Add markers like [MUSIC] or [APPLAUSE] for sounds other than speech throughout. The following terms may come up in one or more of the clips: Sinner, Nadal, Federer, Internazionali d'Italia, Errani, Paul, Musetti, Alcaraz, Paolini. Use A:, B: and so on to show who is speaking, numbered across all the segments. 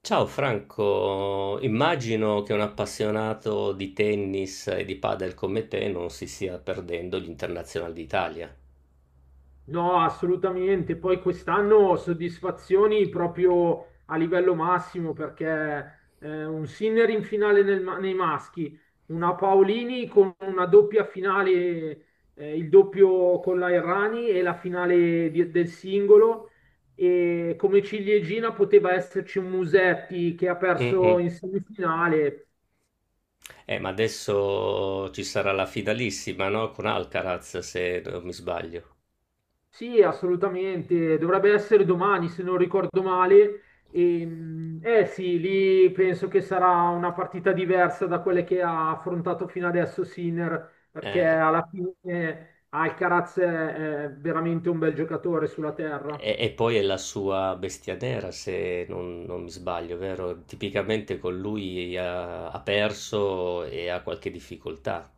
A: Ciao Franco, immagino che un appassionato di tennis e di padel come te non si stia perdendo gli internazionali d'Italia.
B: No, assolutamente. Poi quest'anno soddisfazioni proprio a livello massimo perché un Sinner in finale nei maschi, una Paolini con una doppia finale, il doppio con la Errani e la finale del singolo. E come ciliegina poteva esserci un Musetti che ha
A: Mm-mm.
B: perso in semifinale.
A: Ma adesso ci sarà la fidalissima, no? Con Alcaraz, se non mi sbaglio.
B: Sì, assolutamente, dovrebbe essere domani se non ricordo male. Sì, lì penso che sarà una partita diversa da quelle che ha affrontato fino adesso Sinner, perché
A: Eh,
B: alla fine Alcaraz è veramente un bel giocatore sulla terra.
A: e poi è la sua bestia nera, se non mi sbaglio, vero? Tipicamente con lui ha perso e ha qualche difficoltà.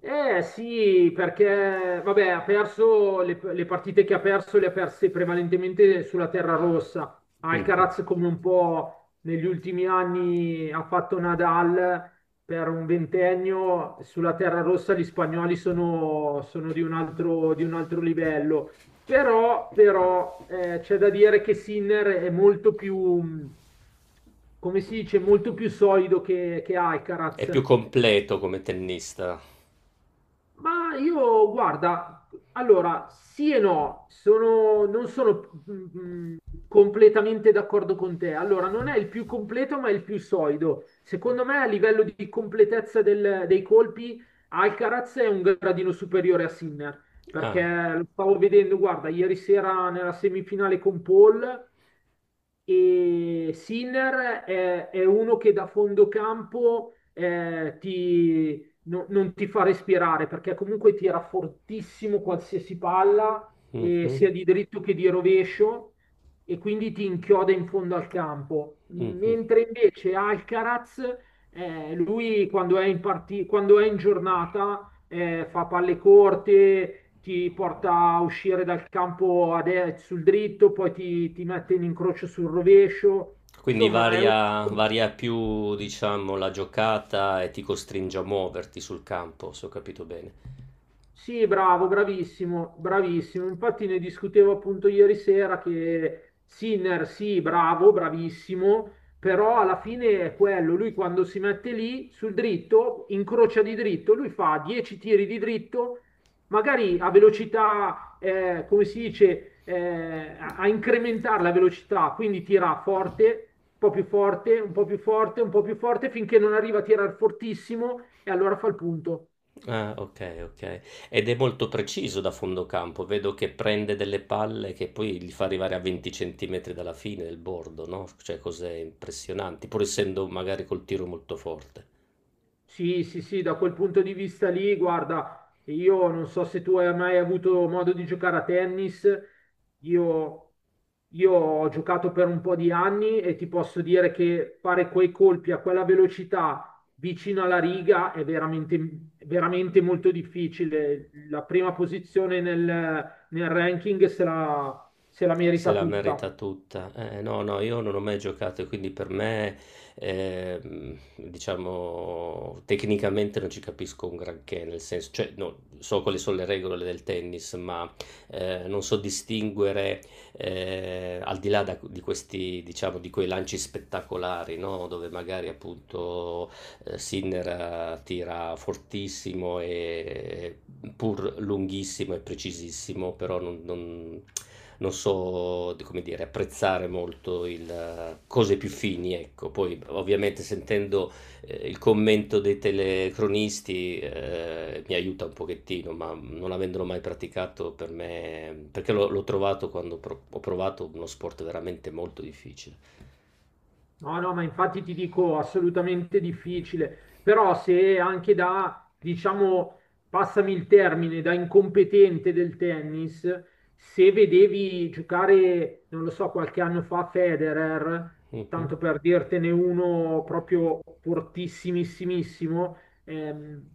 B: Eh sì, perché vabbè, ha perso le partite che ha perso, le ha perse prevalentemente sulla terra
A: [LAUGHS]
B: rossa.
A: Mhm.
B: Alcaraz, come un po' negli ultimi anni ha fatto Nadal per un ventennio, sulla terra rossa gli spagnoli sono, sono di un altro livello. Però, c'è da dire che Sinner è molto più, come si dice, molto più solido che
A: È
B: Alcaraz.
A: più completo come tennista.
B: Ma io, guarda, allora, sì e no, non sono completamente d'accordo con te. Allora, non è il più completo, ma è il più solido. Secondo me, a livello di completezza dei colpi, Alcaraz è un gradino superiore a Sinner, perché
A: Ah.
B: lo stavo vedendo, guarda, ieri sera nella semifinale con Paul, e Sinner è uno che da fondo campo ti, no- non ti fa respirare perché comunque tira fortissimo qualsiasi palla,
A: Mh-mh.
B: sia di dritto che di rovescio, e quindi ti inchioda in fondo al campo.
A: Mh-mh.
B: Mentre invece Alcaraz, lui quando è in giornata, fa palle corte, ti porta a uscire dal campo sul dritto, poi ti mette in incrocio sul rovescio.
A: Quindi
B: Insomma, è un
A: varia
B: gioco.
A: varia più, diciamo, la giocata e ti costringe a muoverti sul campo, se ho capito bene.
B: Sì, bravo, bravissimo, bravissimo. Infatti ne discutevo appunto ieri sera che Sinner, sì, bravo, bravissimo, però alla fine è quello, lui quando si mette lì sul dritto, incrocia di dritto, lui fa 10 tiri di dritto, magari a velocità, come si dice, a a incrementare la velocità, quindi tira forte, un po' più forte, un po' più forte, un po' più forte, finché non arriva a tirare fortissimo e allora fa il punto.
A: Ah, okay, okay. Ed è molto preciso da fondo campo. Vedo che prende delle palle che poi li fa arrivare a 20 centimetri dalla fine del bordo, no, cioè cose impressionanti, pur essendo magari col tiro molto forte.
B: Sì, sì, sì, da quel punto di vista lì, guarda, io non so se tu hai mai avuto modo di giocare a tennis, io, io ho giocato per un po' di anni e ti posso dire che fare quei colpi a quella velocità vicino alla riga è veramente, veramente molto difficile. La prima posizione nel ranking se la
A: Se
B: merita
A: la merita
B: tutta.
A: tutta. No, no, io non ho mai giocato e quindi per me, diciamo, tecnicamente non ci capisco un granché, nel senso, cioè, no, so quali sono le regole del tennis, ma non so distinguere al di là di questi, diciamo, di quei lanci spettacolari, no? Dove magari appunto Sinner tira fortissimo e pur lunghissimo e precisissimo, però non so, come dire, apprezzare molto il, cose più fini, ecco. Poi ovviamente sentendo il commento dei telecronisti, mi aiuta un pochettino, ma non avendolo mai praticato per me perché l'ho trovato quando pro ho provato uno sport veramente molto difficile.
B: No, no, ma infatti ti dico assolutamente difficile, però se anche da, diciamo, passami il termine, da incompetente del tennis, se vedevi giocare, non lo so, qualche anno fa Federer,
A: Mh-mh.
B: tanto per dirtene uno proprio fortissimissimissimo, ehm,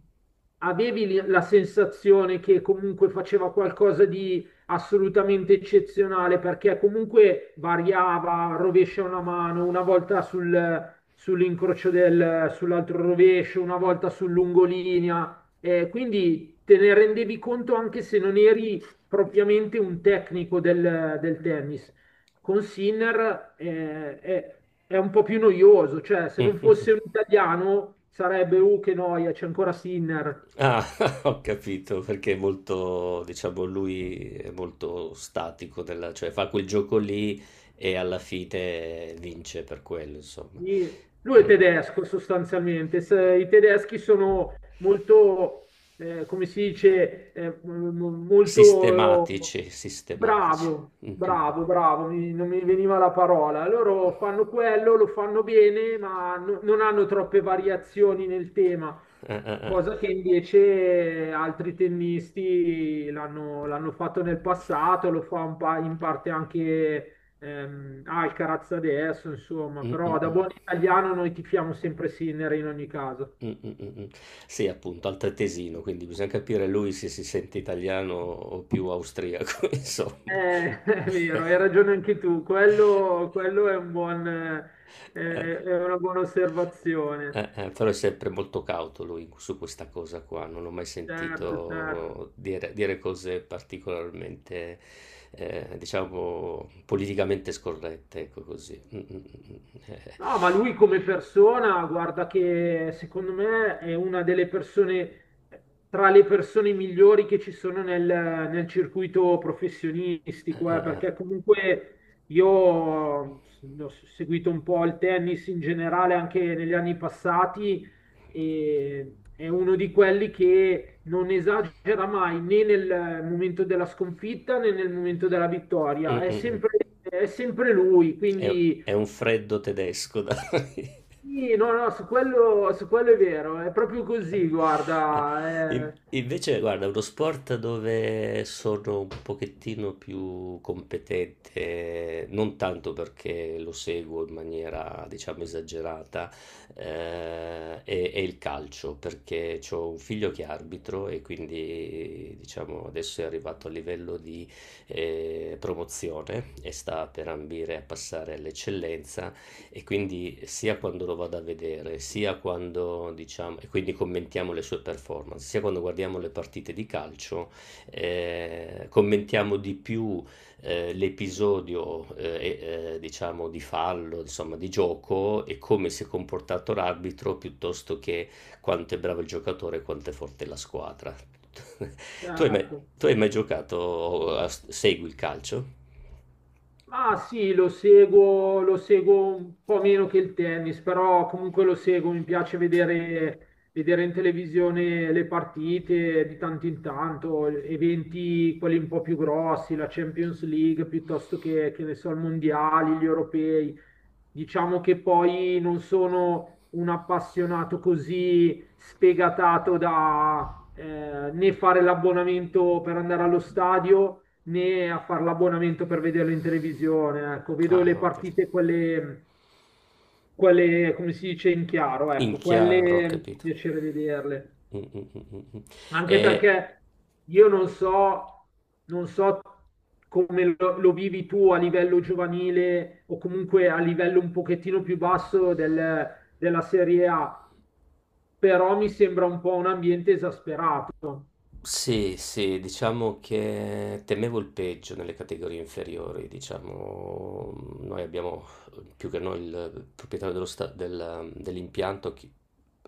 B: avevi la sensazione che comunque faceva qualcosa di assolutamente eccezionale perché comunque variava, rovescia una mano, una volta sull'incrocio del, sull'altro rovescio, una volta sul lungolinea, quindi te ne rendevi conto anche se non eri propriamente un tecnico del, del tennis. Con Sinner è un po' più noioso, cioè se non
A: Mh-mh.
B: fosse un italiano sarebbe, che noia, c'è ancora Sinner.
A: Ah, [LAUGHS] ho capito, perché è molto diciamo lui è molto statico nella cioè fa quel gioco lì e alla fine vince per quello insomma.
B: Sì, lui è
A: Mh.
B: tedesco sostanzialmente.
A: Ehm,
B: I tedeschi sono molto, come si dice, molto
A: sistematici, sistematici.
B: bravo,
A: [LAUGHS] Mh-mh-mh.
B: bravo, bravo, non mi veniva la parola. Loro fanno quello, lo fanno bene, ma non hanno troppe variazioni nel tema.
A: Eh.
B: Cosa che invece altri tennisti l'hanno fatto nel passato, lo fa in parte anche Alcaraz adesso, insomma,
A: Mm, mm,
B: però da
A: mm.
B: buon italiano noi tifiamo sempre Sinner in ogni caso.
A: Mm, mm, mm, mm. Sì, appunto, altoatesino, quindi bisogna capire lui se si sente italiano o più austriaco, [LAUGHS] insomma.
B: [LAUGHS] È vero, hai ragione anche tu, quello è un buon, è
A: Eh,
B: è una buona osservazione.
A: però è sempre molto cauto lui su questa cosa qua, non ho mai
B: Certo, certo.
A: sentito dire cose particolarmente, diciamo, politicamente scorrette, ecco così. Mm, mm, mm, mm.
B: No, ma lui come persona, guarda che secondo me è una delle persone, tra le persone migliori che ci sono nel circuito professionistico,
A: Eh.
B: perché comunque io ho seguito un po' il tennis in generale anche negli anni passati e è uno di quelli che non esagera mai né nel momento della sconfitta né nel momento della
A: Mm,
B: vittoria,
A: mm, mm.
B: è sempre lui,
A: È,
B: quindi...
A: è un freddo tedesco, dai. [LAUGHS]
B: Sì, no, no, su quello è vero, è proprio così,
A: [LAUGHS]
B: guarda. Eh,
A: Invece, guarda, uno sport dove sono un pochettino più competente, non tanto perché lo seguo in maniera, diciamo, esagerata, è il calcio, perché ho un figlio che è arbitro e quindi, diciamo, adesso è arrivato a livello di promozione e sta per ambire a passare all'eccellenza e quindi sia quando lo vado a vedere, sia quando diciamo, e quindi commentiamo le sue performance, sia quando guardiamo le partite di calcio, commentiamo di più l'episodio diciamo di fallo, insomma di gioco e come si è comportato l'arbitro piuttosto che quanto è bravo il giocatore e quanto è forte la squadra. [LAUGHS] Tu hai mai,
B: ecco.
A: tu hai mai giocato, segui il calcio?
B: Ah sì, lo seguo un po' meno che il tennis, però comunque lo seguo, mi piace vedere, vedere in televisione le partite di tanto in tanto, eventi quelli un po' più grossi, la Champions League piuttosto che ne so, i mondiali, gli europei. Diciamo che poi non sono un appassionato così sfegatato da né fare l'abbonamento per andare allo stadio né a fare l'abbonamento per vederlo in televisione. Ecco, vedo le
A: Ah, ok.
B: partite, quelle, come si dice, in chiaro,
A: In
B: ecco, quelle
A: chiaro, ho
B: mi fa
A: capito.
B: piacere vederle.
A: Mm, mm, mm, mm, mm.
B: Anche
A: E
B: perché io non so, non so come lo vivi tu a livello giovanile o comunque a livello un pochettino più basso della Serie A, però mi sembra un po' un ambiente esasperato.
A: sì, sì, diciamo che temevo il peggio nelle categorie inferiori, diciamo, noi abbiamo più che noi il proprietario dello dell'impianto,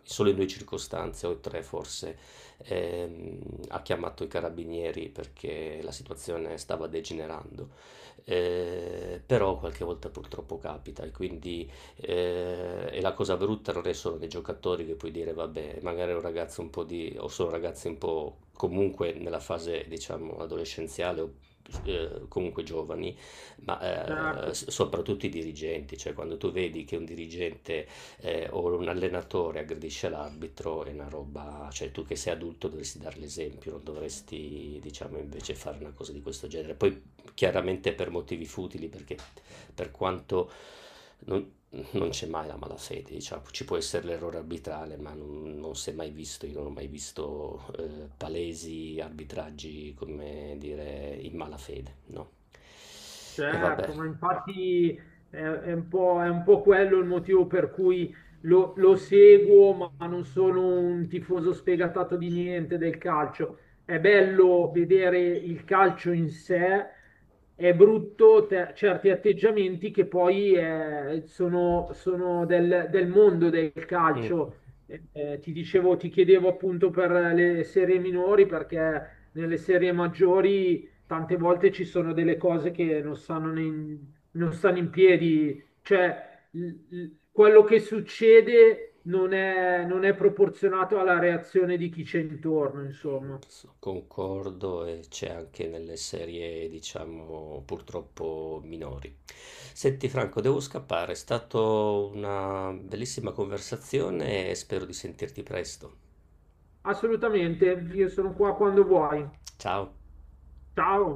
A: solo in due circostanze, o tre forse, ehm, ha chiamato i carabinieri perché la situazione stava degenerando. Però qualche volta purtroppo capita e quindi. E la cosa brutta non è solo che i giocatori, che puoi dire, vabbè, magari è un ragazzo un po' di, o sono ragazzi un po' comunque nella fase, diciamo, adolescenziale o comunque giovani,
B: Cioè,
A: ma soprattutto i dirigenti, cioè quando tu vedi che un dirigente o un allenatore aggredisce l'arbitro è una roba, cioè tu che sei adulto dovresti dare l'esempio, non dovresti, diciamo, invece fare una cosa di questo genere. Poi chiaramente per motivi futili, perché per quanto non, non c'è mai la malafede, diciamo. Ci può essere l'errore arbitrale, ma non si è mai visto, io non ho mai visto palesi arbitraggi, come dire, in malafede, no. E vabbè,
B: certo, ma infatti è un po' quello il motivo per cui lo seguo, ma non sono un tifoso sfegatato di niente del calcio. È bello vedere il calcio in sé, è brutto certi atteggiamenti che poi sono del, del mondo del
A: mm,
B: calcio. Ti dicevo, ti chiedevo appunto per le serie minori, perché nelle serie maggiori tante volte ci sono delle cose che non stanno in, non stanno in piedi, cioè quello che succede non è proporzionato alla reazione di chi c'è intorno, insomma.
A: concordo e c'è anche nelle serie, diciamo, purtroppo minori. Senti Franco, devo scappare, è stata una bellissima conversazione e spero di sentirti presto.
B: Assolutamente, io sono qua quando vuoi.
A: Ciao.
B: Ciao.